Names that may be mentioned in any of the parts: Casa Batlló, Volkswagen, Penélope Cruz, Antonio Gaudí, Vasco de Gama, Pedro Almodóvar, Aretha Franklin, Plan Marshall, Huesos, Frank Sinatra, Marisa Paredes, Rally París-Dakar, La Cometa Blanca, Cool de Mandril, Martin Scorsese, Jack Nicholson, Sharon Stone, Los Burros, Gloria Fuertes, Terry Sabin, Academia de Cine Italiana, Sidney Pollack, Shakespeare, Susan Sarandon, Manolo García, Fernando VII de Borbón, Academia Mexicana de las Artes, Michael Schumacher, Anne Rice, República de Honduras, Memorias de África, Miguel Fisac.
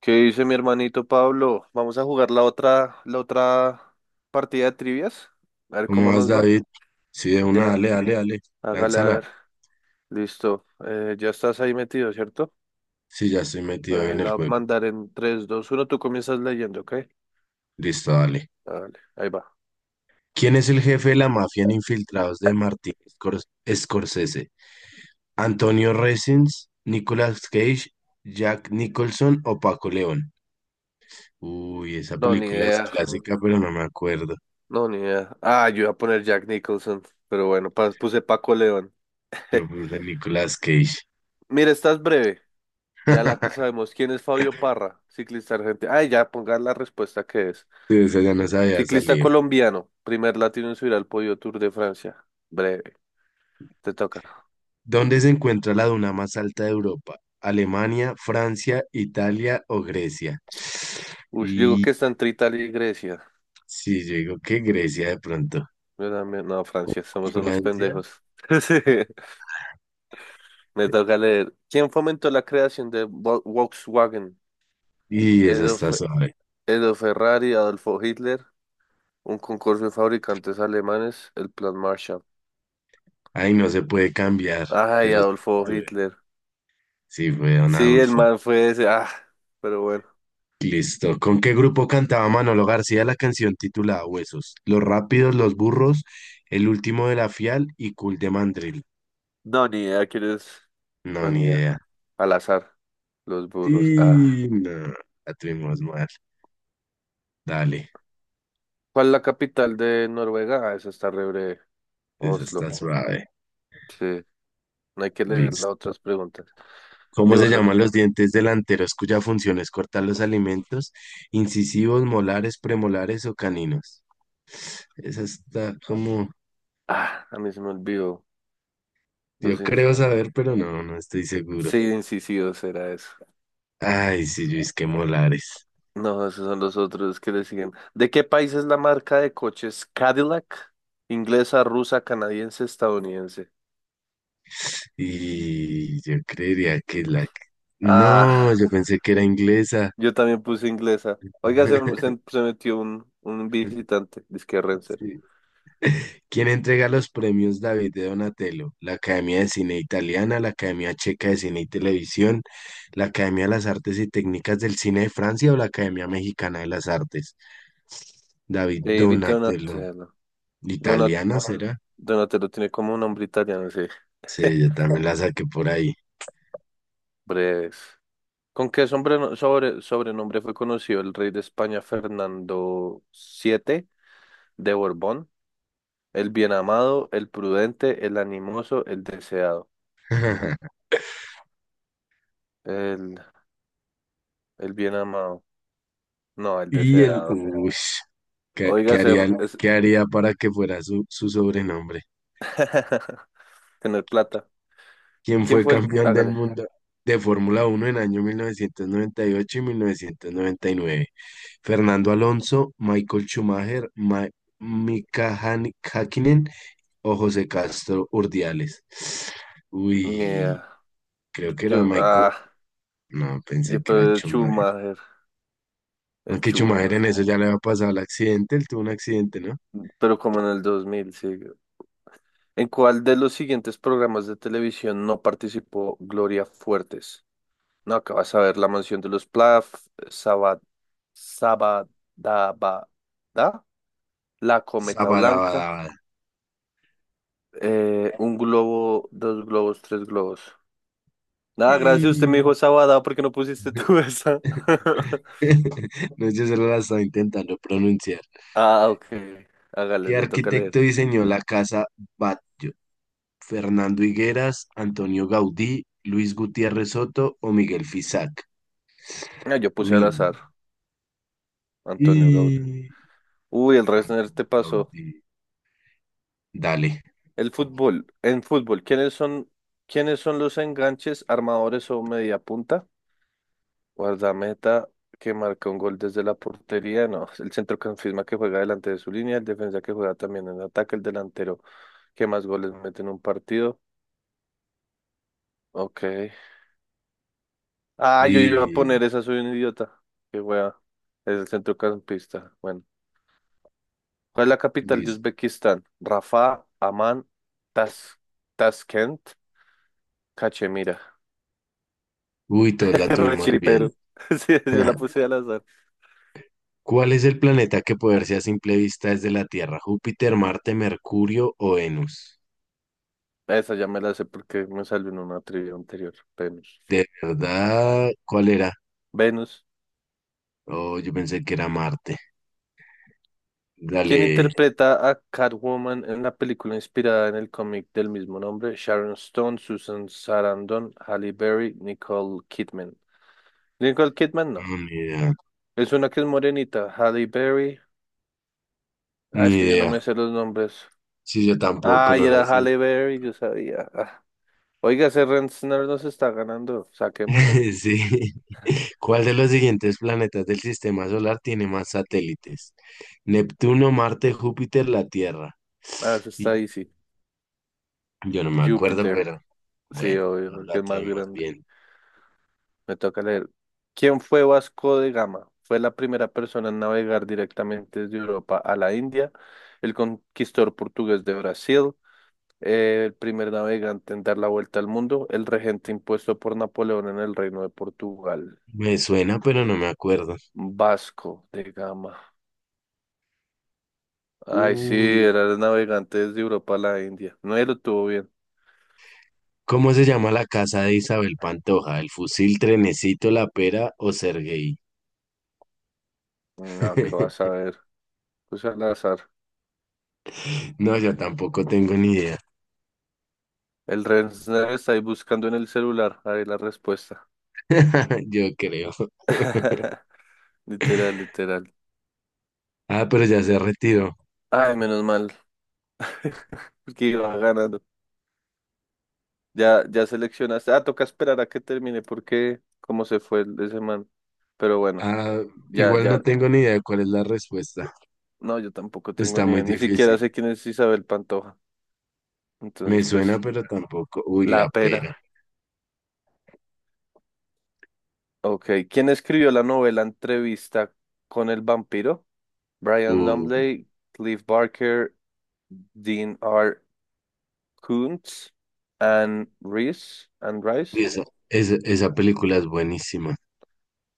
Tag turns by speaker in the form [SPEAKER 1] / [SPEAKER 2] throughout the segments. [SPEAKER 1] ¿Qué dice mi hermanito Pablo? Vamos a jugar la otra partida de trivias. A ver
[SPEAKER 2] ¿Cómo
[SPEAKER 1] cómo
[SPEAKER 2] vas,
[SPEAKER 1] nos va.
[SPEAKER 2] David? Sí, de una,
[SPEAKER 1] Ya,
[SPEAKER 2] dale, dale, dale.
[SPEAKER 1] hágale a
[SPEAKER 2] Lánzala.
[SPEAKER 1] ver. Listo. Ya estás ahí metido, ¿cierto?
[SPEAKER 2] Sí, ya estoy metido
[SPEAKER 1] Bueno, ahí
[SPEAKER 2] en el
[SPEAKER 1] la voy a
[SPEAKER 2] juego.
[SPEAKER 1] mandar en tres, dos, uno. Tú comienzas leyendo, ¿ok?
[SPEAKER 2] Listo, dale.
[SPEAKER 1] Dale, ahí va.
[SPEAKER 2] ¿Quién es el jefe de la mafia en Infiltrados de Martin Scorsese? ¿Antonio Resins, Nicolas Cage, Jack Nicholson o Paco León? Uy, esa
[SPEAKER 1] No, ni
[SPEAKER 2] película es
[SPEAKER 1] idea.
[SPEAKER 2] clásica, pero no me acuerdo.
[SPEAKER 1] No, ni idea. Ah, yo iba a poner Jack Nicholson. Pero bueno, puse Paco León.
[SPEAKER 2] Yo puse Nicolas Cage.
[SPEAKER 1] Mira, estás breve. Ya la que sabemos. ¿Quién es Fabio Parra? Ciclista argentino. Ay, ya pongan la respuesta que es.
[SPEAKER 2] Sí, esa ya no sabía
[SPEAKER 1] Ciclista
[SPEAKER 2] salir.
[SPEAKER 1] colombiano, primer latino en subir al podio Tour de Francia. Breve, te toca.
[SPEAKER 2] ¿Dónde se encuentra la duna más alta de Europa? ¿Alemania, Francia, Italia o Grecia?
[SPEAKER 1] Uy, yo digo que
[SPEAKER 2] Y
[SPEAKER 1] está entre Italia y Grecia.
[SPEAKER 2] sí, yo digo que Grecia de pronto.
[SPEAKER 1] No,
[SPEAKER 2] O
[SPEAKER 1] Francia, somos unos
[SPEAKER 2] Francia.
[SPEAKER 1] pendejos. Sí, me toca leer. ¿Quién fomentó la creación de Volkswagen?
[SPEAKER 2] Y esa
[SPEAKER 1] Edo,
[SPEAKER 2] está
[SPEAKER 1] Fe-
[SPEAKER 2] suave.
[SPEAKER 1] Edo Ferrari, Adolfo Hitler, un concurso de fabricantes alemanes, el Plan Marshall.
[SPEAKER 2] Ahí no se puede cambiar,
[SPEAKER 1] Ay,
[SPEAKER 2] pero
[SPEAKER 1] Adolfo
[SPEAKER 2] tuve-
[SPEAKER 1] Hitler.
[SPEAKER 2] sí fue Don
[SPEAKER 1] Sí, el
[SPEAKER 2] Adolfo.
[SPEAKER 1] man fue ese. Ah, pero bueno.
[SPEAKER 2] Listo. ¿Con qué grupo cantaba Manolo García la canción titulada Huesos? Los Rápidos, Los Burros, El Último de la Fial y Cool de Mandril.
[SPEAKER 1] No, ni idea quién es.
[SPEAKER 2] No,
[SPEAKER 1] No, ni
[SPEAKER 2] ni
[SPEAKER 1] idea.
[SPEAKER 2] idea.
[SPEAKER 1] Al azar, los burros. Ah.
[SPEAKER 2] Y no, la tuvimos mal. Dale.
[SPEAKER 1] ¿Cuál es la capital de Noruega? Ah, esa está re breve.
[SPEAKER 2] Esa
[SPEAKER 1] Oslo.
[SPEAKER 2] está suave.
[SPEAKER 1] Sí, no hay que leer las
[SPEAKER 2] Listo.
[SPEAKER 1] otras preguntas.
[SPEAKER 2] ¿Cómo
[SPEAKER 1] Digo,
[SPEAKER 2] se
[SPEAKER 1] la
[SPEAKER 2] llaman
[SPEAKER 1] otra.
[SPEAKER 2] los dientes delanteros cuya función es cortar los alimentos? Incisivos, molares, premolares o caninos. Esa está como,
[SPEAKER 1] Ah, a mí se me olvidó. Los
[SPEAKER 2] yo creo
[SPEAKER 1] incis-
[SPEAKER 2] saber, pero no, no estoy seguro.
[SPEAKER 1] sí, incisivos era eso.
[SPEAKER 2] Ay, sí, Luis, que molares.
[SPEAKER 1] No, esos son los otros que le siguen. ¿De qué país es la marca de coches Cadillac? Inglesa, rusa, canadiense, estadounidense.
[SPEAKER 2] Y yo creería que la.
[SPEAKER 1] Ah,
[SPEAKER 2] No, yo pensé que era inglesa.
[SPEAKER 1] yo también puse inglesa. Oiga, se, se, se metió un visitante, disque Renzer.
[SPEAKER 2] ¿Quién entrega los premios David de Donatello? La Academia de Cine Italiana, la Academia Checa de Cine y Televisión, la Academia de las Artes y Técnicas del Cine de Francia o la Academia Mexicana de las Artes. David
[SPEAKER 1] David
[SPEAKER 2] Donatello.
[SPEAKER 1] Donatello. Donat,
[SPEAKER 2] ¿Italiana será?
[SPEAKER 1] Donatello tiene como un nombre italiano, sí.
[SPEAKER 2] Sí, yo también la saqué por ahí.
[SPEAKER 1] Breves. ¿Con qué sobrenombre fue conocido el rey de España Fernando VII de Borbón? El bien amado, el prudente, el animoso, el deseado. El, el bien amado. No, el deseado.
[SPEAKER 2] Ush, ¿qué, qué
[SPEAKER 1] Oiga, ser...
[SPEAKER 2] haría,
[SPEAKER 1] Es...
[SPEAKER 2] qué haría para que fuera su sobrenombre?
[SPEAKER 1] Tener plata.
[SPEAKER 2] ¿Quien
[SPEAKER 1] ¿Quién
[SPEAKER 2] fue
[SPEAKER 1] fue el...?
[SPEAKER 2] campeón del
[SPEAKER 1] Hágale.
[SPEAKER 2] mundo de Fórmula 1 en año 1998 y 1999? Fernando Alonso, Michael Schumacher, Mika Häkkinen o José Castro Urdiales.
[SPEAKER 1] Ni
[SPEAKER 2] Uy,
[SPEAKER 1] idea.
[SPEAKER 2] creo
[SPEAKER 1] Yo...
[SPEAKER 2] que era
[SPEAKER 1] yo-
[SPEAKER 2] Michael.
[SPEAKER 1] ah,
[SPEAKER 2] No, pensé
[SPEAKER 1] yo,
[SPEAKER 2] que era
[SPEAKER 1] pero el
[SPEAKER 2] Schumacher.
[SPEAKER 1] Schumacher. El
[SPEAKER 2] Aunque Schumacher en
[SPEAKER 1] Schumacher.
[SPEAKER 2] eso ya le había pasado el accidente, él tuvo un accidente, ¿no?
[SPEAKER 1] Pero como en el 2000, sí. ¿En cuál de los siguientes programas de televisión no participó Gloria Fuertes? No, acabas a ver La Mansión de los Plaf, Sabadabada, La Cometa Blanca,
[SPEAKER 2] Sabadabadabada.
[SPEAKER 1] un globo, dos globos, tres globos. Nada, gracias, usted me dijo
[SPEAKER 2] Y...
[SPEAKER 1] Sabada porque no pusiste tú esa.
[SPEAKER 2] No, yo solo la estaba intentando pronunciar.
[SPEAKER 1] Ah, ok. Hágale,
[SPEAKER 2] ¿Qué
[SPEAKER 1] le toca leer.
[SPEAKER 2] arquitecto diseñó la casa Batlló? ¿Fernando Higueras, Antonio Gaudí, Luis Gutiérrez Soto o Miguel Fisac?
[SPEAKER 1] Ah, yo puse
[SPEAKER 2] Uy,
[SPEAKER 1] al azar, Antonio Gaudí.
[SPEAKER 2] y...
[SPEAKER 1] Uy, el Resner te pasó.
[SPEAKER 2] Gaudí. Dale.
[SPEAKER 1] El fútbol, en fútbol, ¿quiénes son los enganches, armadores o mediapunta? Guardameta que marca un gol desde la portería, no, el centrocampista que juega delante de su línea, el defensa que juega también en ataque, el delantero que más goles mete en un partido. Ok. Ah, yo iba a
[SPEAKER 2] Y
[SPEAKER 1] poner esa, soy un idiota. Qué wea. Es el centrocampista. Bueno. ¿Cuál es la capital de
[SPEAKER 2] dice,
[SPEAKER 1] Uzbekistán? Rafa, Amán, Tas Taskent, Cachemira.
[SPEAKER 2] uy, todos la tuvimos bien.
[SPEAKER 1] Rechiripero. Sí, sí, yo la puse al azar.
[SPEAKER 2] ¿Cuál es el planeta que puede verse a simple vista desde la Tierra? ¿Júpiter, Marte, Mercurio o Venus?
[SPEAKER 1] Esa ya me la sé porque me salió en una trivia anterior. Venus.
[SPEAKER 2] De verdad, ¿cuál era?
[SPEAKER 1] Venus.
[SPEAKER 2] Oh, yo pensé que era Marte.
[SPEAKER 1] ¿Quién
[SPEAKER 2] Dale,
[SPEAKER 1] interpreta a Catwoman en la película inspirada en el cómic del mismo nombre? Sharon Stone, Susan Sarandon, Halle Berry, Nicole Kidman. Nicole Kidman no.
[SPEAKER 2] no, ni idea,
[SPEAKER 1] Es una que es morenita. Halle Berry. Ah, es
[SPEAKER 2] ni
[SPEAKER 1] que yo no
[SPEAKER 2] idea.
[SPEAKER 1] me sé los nombres.
[SPEAKER 2] Sí, yo tampoco,
[SPEAKER 1] Ah, y
[SPEAKER 2] no
[SPEAKER 1] era
[SPEAKER 2] la sé.
[SPEAKER 1] Halle Berry, yo sabía. Ah. Oiga, ese Rensner nos está ganando. Saquémoslo.
[SPEAKER 2] Sí. ¿Cuál de los siguientes planetas del sistema solar tiene más satélites? Neptuno, Marte, Júpiter, la Tierra.
[SPEAKER 1] Ah, eso está
[SPEAKER 2] Y
[SPEAKER 1] easy.
[SPEAKER 2] yo no me acuerdo,
[SPEAKER 1] Júpiter.
[SPEAKER 2] pero
[SPEAKER 1] Sí,
[SPEAKER 2] bueno,
[SPEAKER 1] obvio,
[SPEAKER 2] nos
[SPEAKER 1] porque
[SPEAKER 2] la
[SPEAKER 1] es más
[SPEAKER 2] tuvimos
[SPEAKER 1] grande.
[SPEAKER 2] bien.
[SPEAKER 1] Me toca leer. ¿Quién fue Vasco de Gama? Fue la primera persona en navegar directamente desde Europa a la India, el conquistador portugués de Brasil, el primer navegante en dar la vuelta al mundo, el regente impuesto por Napoleón en el Reino de Portugal.
[SPEAKER 2] Me suena, pero no me acuerdo.
[SPEAKER 1] Vasco de Gama. Ay, sí, era
[SPEAKER 2] Uy.
[SPEAKER 1] el navegante desde Europa a la India. No, él lo tuvo bien.
[SPEAKER 2] ¿Cómo se llama la casa de Isabel Pantoja? ¿El fusil, Trenecito, la pera o Sergei?
[SPEAKER 1] No, ¿qué vas a ver? Pues al azar.
[SPEAKER 2] No, yo tampoco tengo ni idea.
[SPEAKER 1] El Renner está ahí buscando en el celular. Ahí la respuesta.
[SPEAKER 2] Yo creo.
[SPEAKER 1] Literal, literal.
[SPEAKER 2] Ah, pero ya se retiró.
[SPEAKER 1] Ay, menos mal, porque iba ganando. Ya, ya seleccionaste. Ah, toca esperar a que termine porque cómo se fue el de semana. Pero bueno,
[SPEAKER 2] Ah,
[SPEAKER 1] ya,
[SPEAKER 2] igual
[SPEAKER 1] ya.
[SPEAKER 2] no tengo ni idea de cuál es la respuesta.
[SPEAKER 1] No, yo tampoco tengo
[SPEAKER 2] Está
[SPEAKER 1] ni idea.
[SPEAKER 2] muy
[SPEAKER 1] Ni siquiera
[SPEAKER 2] difícil.
[SPEAKER 1] sé quién es Isabel Pantoja.
[SPEAKER 2] Me
[SPEAKER 1] Entonces,
[SPEAKER 2] suena,
[SPEAKER 1] pues,
[SPEAKER 2] pero tampoco. Uy,
[SPEAKER 1] la
[SPEAKER 2] la pera.
[SPEAKER 1] pera. Ok. ¿Quién escribió la novela Entrevista con el vampiro? Brian
[SPEAKER 2] Uh,
[SPEAKER 1] Lumley, Cliff Barker, Dean R. Koontz, Anne Rice, Anne
[SPEAKER 2] uy,
[SPEAKER 1] Rice.
[SPEAKER 2] esa película es buenísima.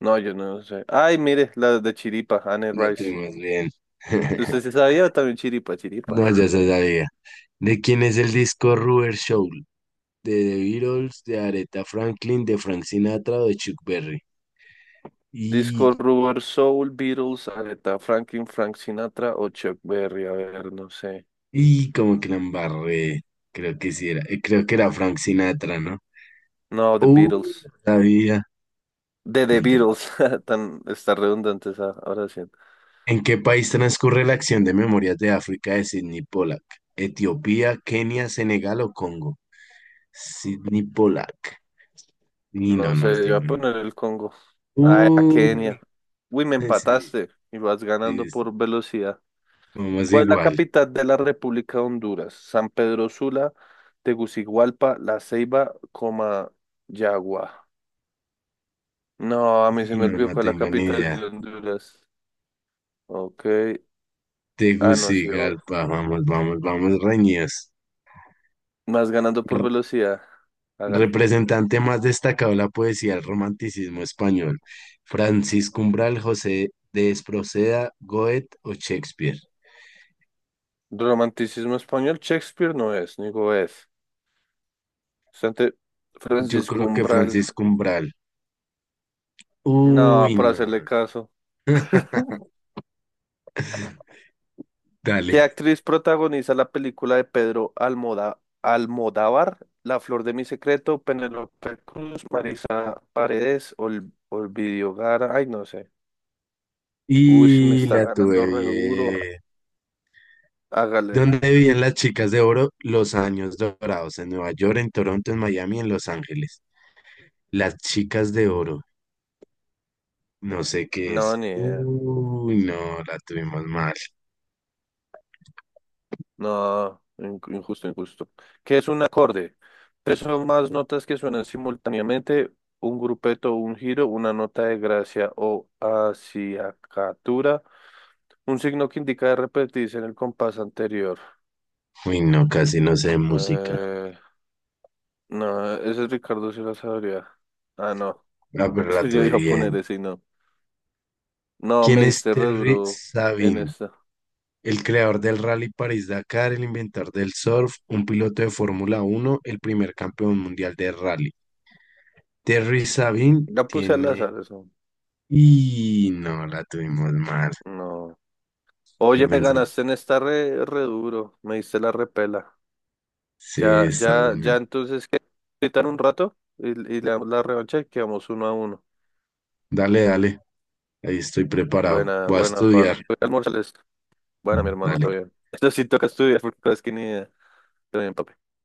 [SPEAKER 1] No, yo no sé. Ay, mire, la de Chiripa, Anne
[SPEAKER 2] La
[SPEAKER 1] Rice.
[SPEAKER 2] tuvimos bien.
[SPEAKER 1] ¿Usted se sabía también Chiripa, Chiripa?
[SPEAKER 2] No, ya se sabía. ¿De quién es el disco Rubber Soul? De The Beatles, de Aretha Franklin, de Frank Sinatra o de Chuck Berry.
[SPEAKER 1] Disco
[SPEAKER 2] Y,
[SPEAKER 1] Rubber Soul, Beatles, Aretha Franklin, Frank Sinatra o Chuck Berry. A ver, no sé.
[SPEAKER 2] y como que la embarré. Creo que sí era. Creo que era Frank Sinatra, ¿no?
[SPEAKER 1] No, The
[SPEAKER 2] Uy,
[SPEAKER 1] Beatles.
[SPEAKER 2] no sabía.
[SPEAKER 1] De The
[SPEAKER 2] No.
[SPEAKER 1] Beatles. Tan, está redundante esa, ahora sí.
[SPEAKER 2] ¿En qué país transcurre la acción de Memorias de África de Sidney Pollack? ¿Etiopía, Kenia, Senegal o Congo? Sidney Pollack. Y
[SPEAKER 1] No
[SPEAKER 2] no, no
[SPEAKER 1] sé, yo voy a
[SPEAKER 2] tengo ni.
[SPEAKER 1] poner el Congo. Ay, a Kenia.
[SPEAKER 2] Uy,
[SPEAKER 1] Uy, me
[SPEAKER 2] sí,
[SPEAKER 1] empataste y vas ganando
[SPEAKER 2] sí, sí,
[SPEAKER 1] por velocidad.
[SPEAKER 2] vamos
[SPEAKER 1] ¿Cuál es la
[SPEAKER 2] igual.
[SPEAKER 1] capital de la República de Honduras? San Pedro Sula, Tegucigalpa, La Ceiba, coma, Yagua. No, a mí se
[SPEAKER 2] Y
[SPEAKER 1] me
[SPEAKER 2] no,
[SPEAKER 1] olvidó
[SPEAKER 2] no
[SPEAKER 1] cuál es la
[SPEAKER 2] tengo ni
[SPEAKER 1] capital
[SPEAKER 2] idea.
[SPEAKER 1] de Honduras. Ok. Ah, no, sí, obvio.
[SPEAKER 2] Tegucigalpa, vamos, vamos, vamos, reñidos.
[SPEAKER 1] Más ganando por
[SPEAKER 2] R-
[SPEAKER 1] velocidad. Hágale.
[SPEAKER 2] representante más destacado de la poesía del romanticismo español? Francisco Umbral, José de Esproceda, Goethe o Shakespeare.
[SPEAKER 1] Romanticismo español, Shakespeare no es, ni es. Sante
[SPEAKER 2] Yo
[SPEAKER 1] Francisco
[SPEAKER 2] creo que
[SPEAKER 1] Umbral.
[SPEAKER 2] Francisco Umbral.
[SPEAKER 1] No,
[SPEAKER 2] Uy,
[SPEAKER 1] por
[SPEAKER 2] no,
[SPEAKER 1] hacerle caso.
[SPEAKER 2] dale.
[SPEAKER 1] ¿Qué actriz protagoniza la película de Pedro Almodóvar? La flor de mi secreto, Penélope Cruz, Marisa Paredes, Olvidio Gara. Ay, no sé. Uy, sí me
[SPEAKER 2] Y
[SPEAKER 1] está
[SPEAKER 2] la
[SPEAKER 1] ganando
[SPEAKER 2] tuve
[SPEAKER 1] re duro.
[SPEAKER 2] bien.
[SPEAKER 1] Hágale.
[SPEAKER 2] ¿Dónde vivían las chicas de oro? Los años dorados, en Nueva York, en Toronto, en Miami, en Los Ángeles. Las chicas de oro, no sé qué
[SPEAKER 1] No,
[SPEAKER 2] es.
[SPEAKER 1] ni idea.
[SPEAKER 2] Uy, no, la tuvimos mal.
[SPEAKER 1] No, injusto, injusto. ¿Qué es un acorde? Tres o más notas que suenan simultáneamente, un grupeto, un giro, una nota de gracia o acciacatura, un signo que indica de repetirse en el compás anterior.
[SPEAKER 2] Uy, no, casi no sé de música.
[SPEAKER 1] Eh, no, ese Ricardo sí lo sabría. Ah, no.
[SPEAKER 2] Ah, pero la
[SPEAKER 1] Yo
[SPEAKER 2] tuve
[SPEAKER 1] iba a poner
[SPEAKER 2] bien.
[SPEAKER 1] ese y no. No, me
[SPEAKER 2] ¿Quién es
[SPEAKER 1] diste re
[SPEAKER 2] Terry
[SPEAKER 1] duro en
[SPEAKER 2] Sabin?
[SPEAKER 1] esta.
[SPEAKER 2] El creador del Rally París-Dakar, el inventor del surf, un piloto de Fórmula 1, el primer campeón mundial de rally. Terry Sabin
[SPEAKER 1] La puse al
[SPEAKER 2] tiene.
[SPEAKER 1] azar, eso.
[SPEAKER 2] Y no, la tuvimos mal.
[SPEAKER 1] No. Oye,
[SPEAKER 2] Yo
[SPEAKER 1] me
[SPEAKER 2] pensé,
[SPEAKER 1] ganaste en esta re duro, me diste la repela.
[SPEAKER 2] sí,
[SPEAKER 1] Ya,
[SPEAKER 2] está
[SPEAKER 1] ya, ya,
[SPEAKER 2] buena.
[SPEAKER 1] entonces, ¿qué? Quitan un rato y le damos la revancha y quedamos uno a uno.
[SPEAKER 2] Dale, dale, ahí estoy preparado.
[SPEAKER 1] Buena,
[SPEAKER 2] Voy a
[SPEAKER 1] buena, Pablo.
[SPEAKER 2] estudiar.
[SPEAKER 1] Voy a almorzarles. Buena, mi hermano,
[SPEAKER 2] Dale.
[SPEAKER 1] todo bien. Esto sí toca estudiar porque es que ni idea. Todo bien, papi.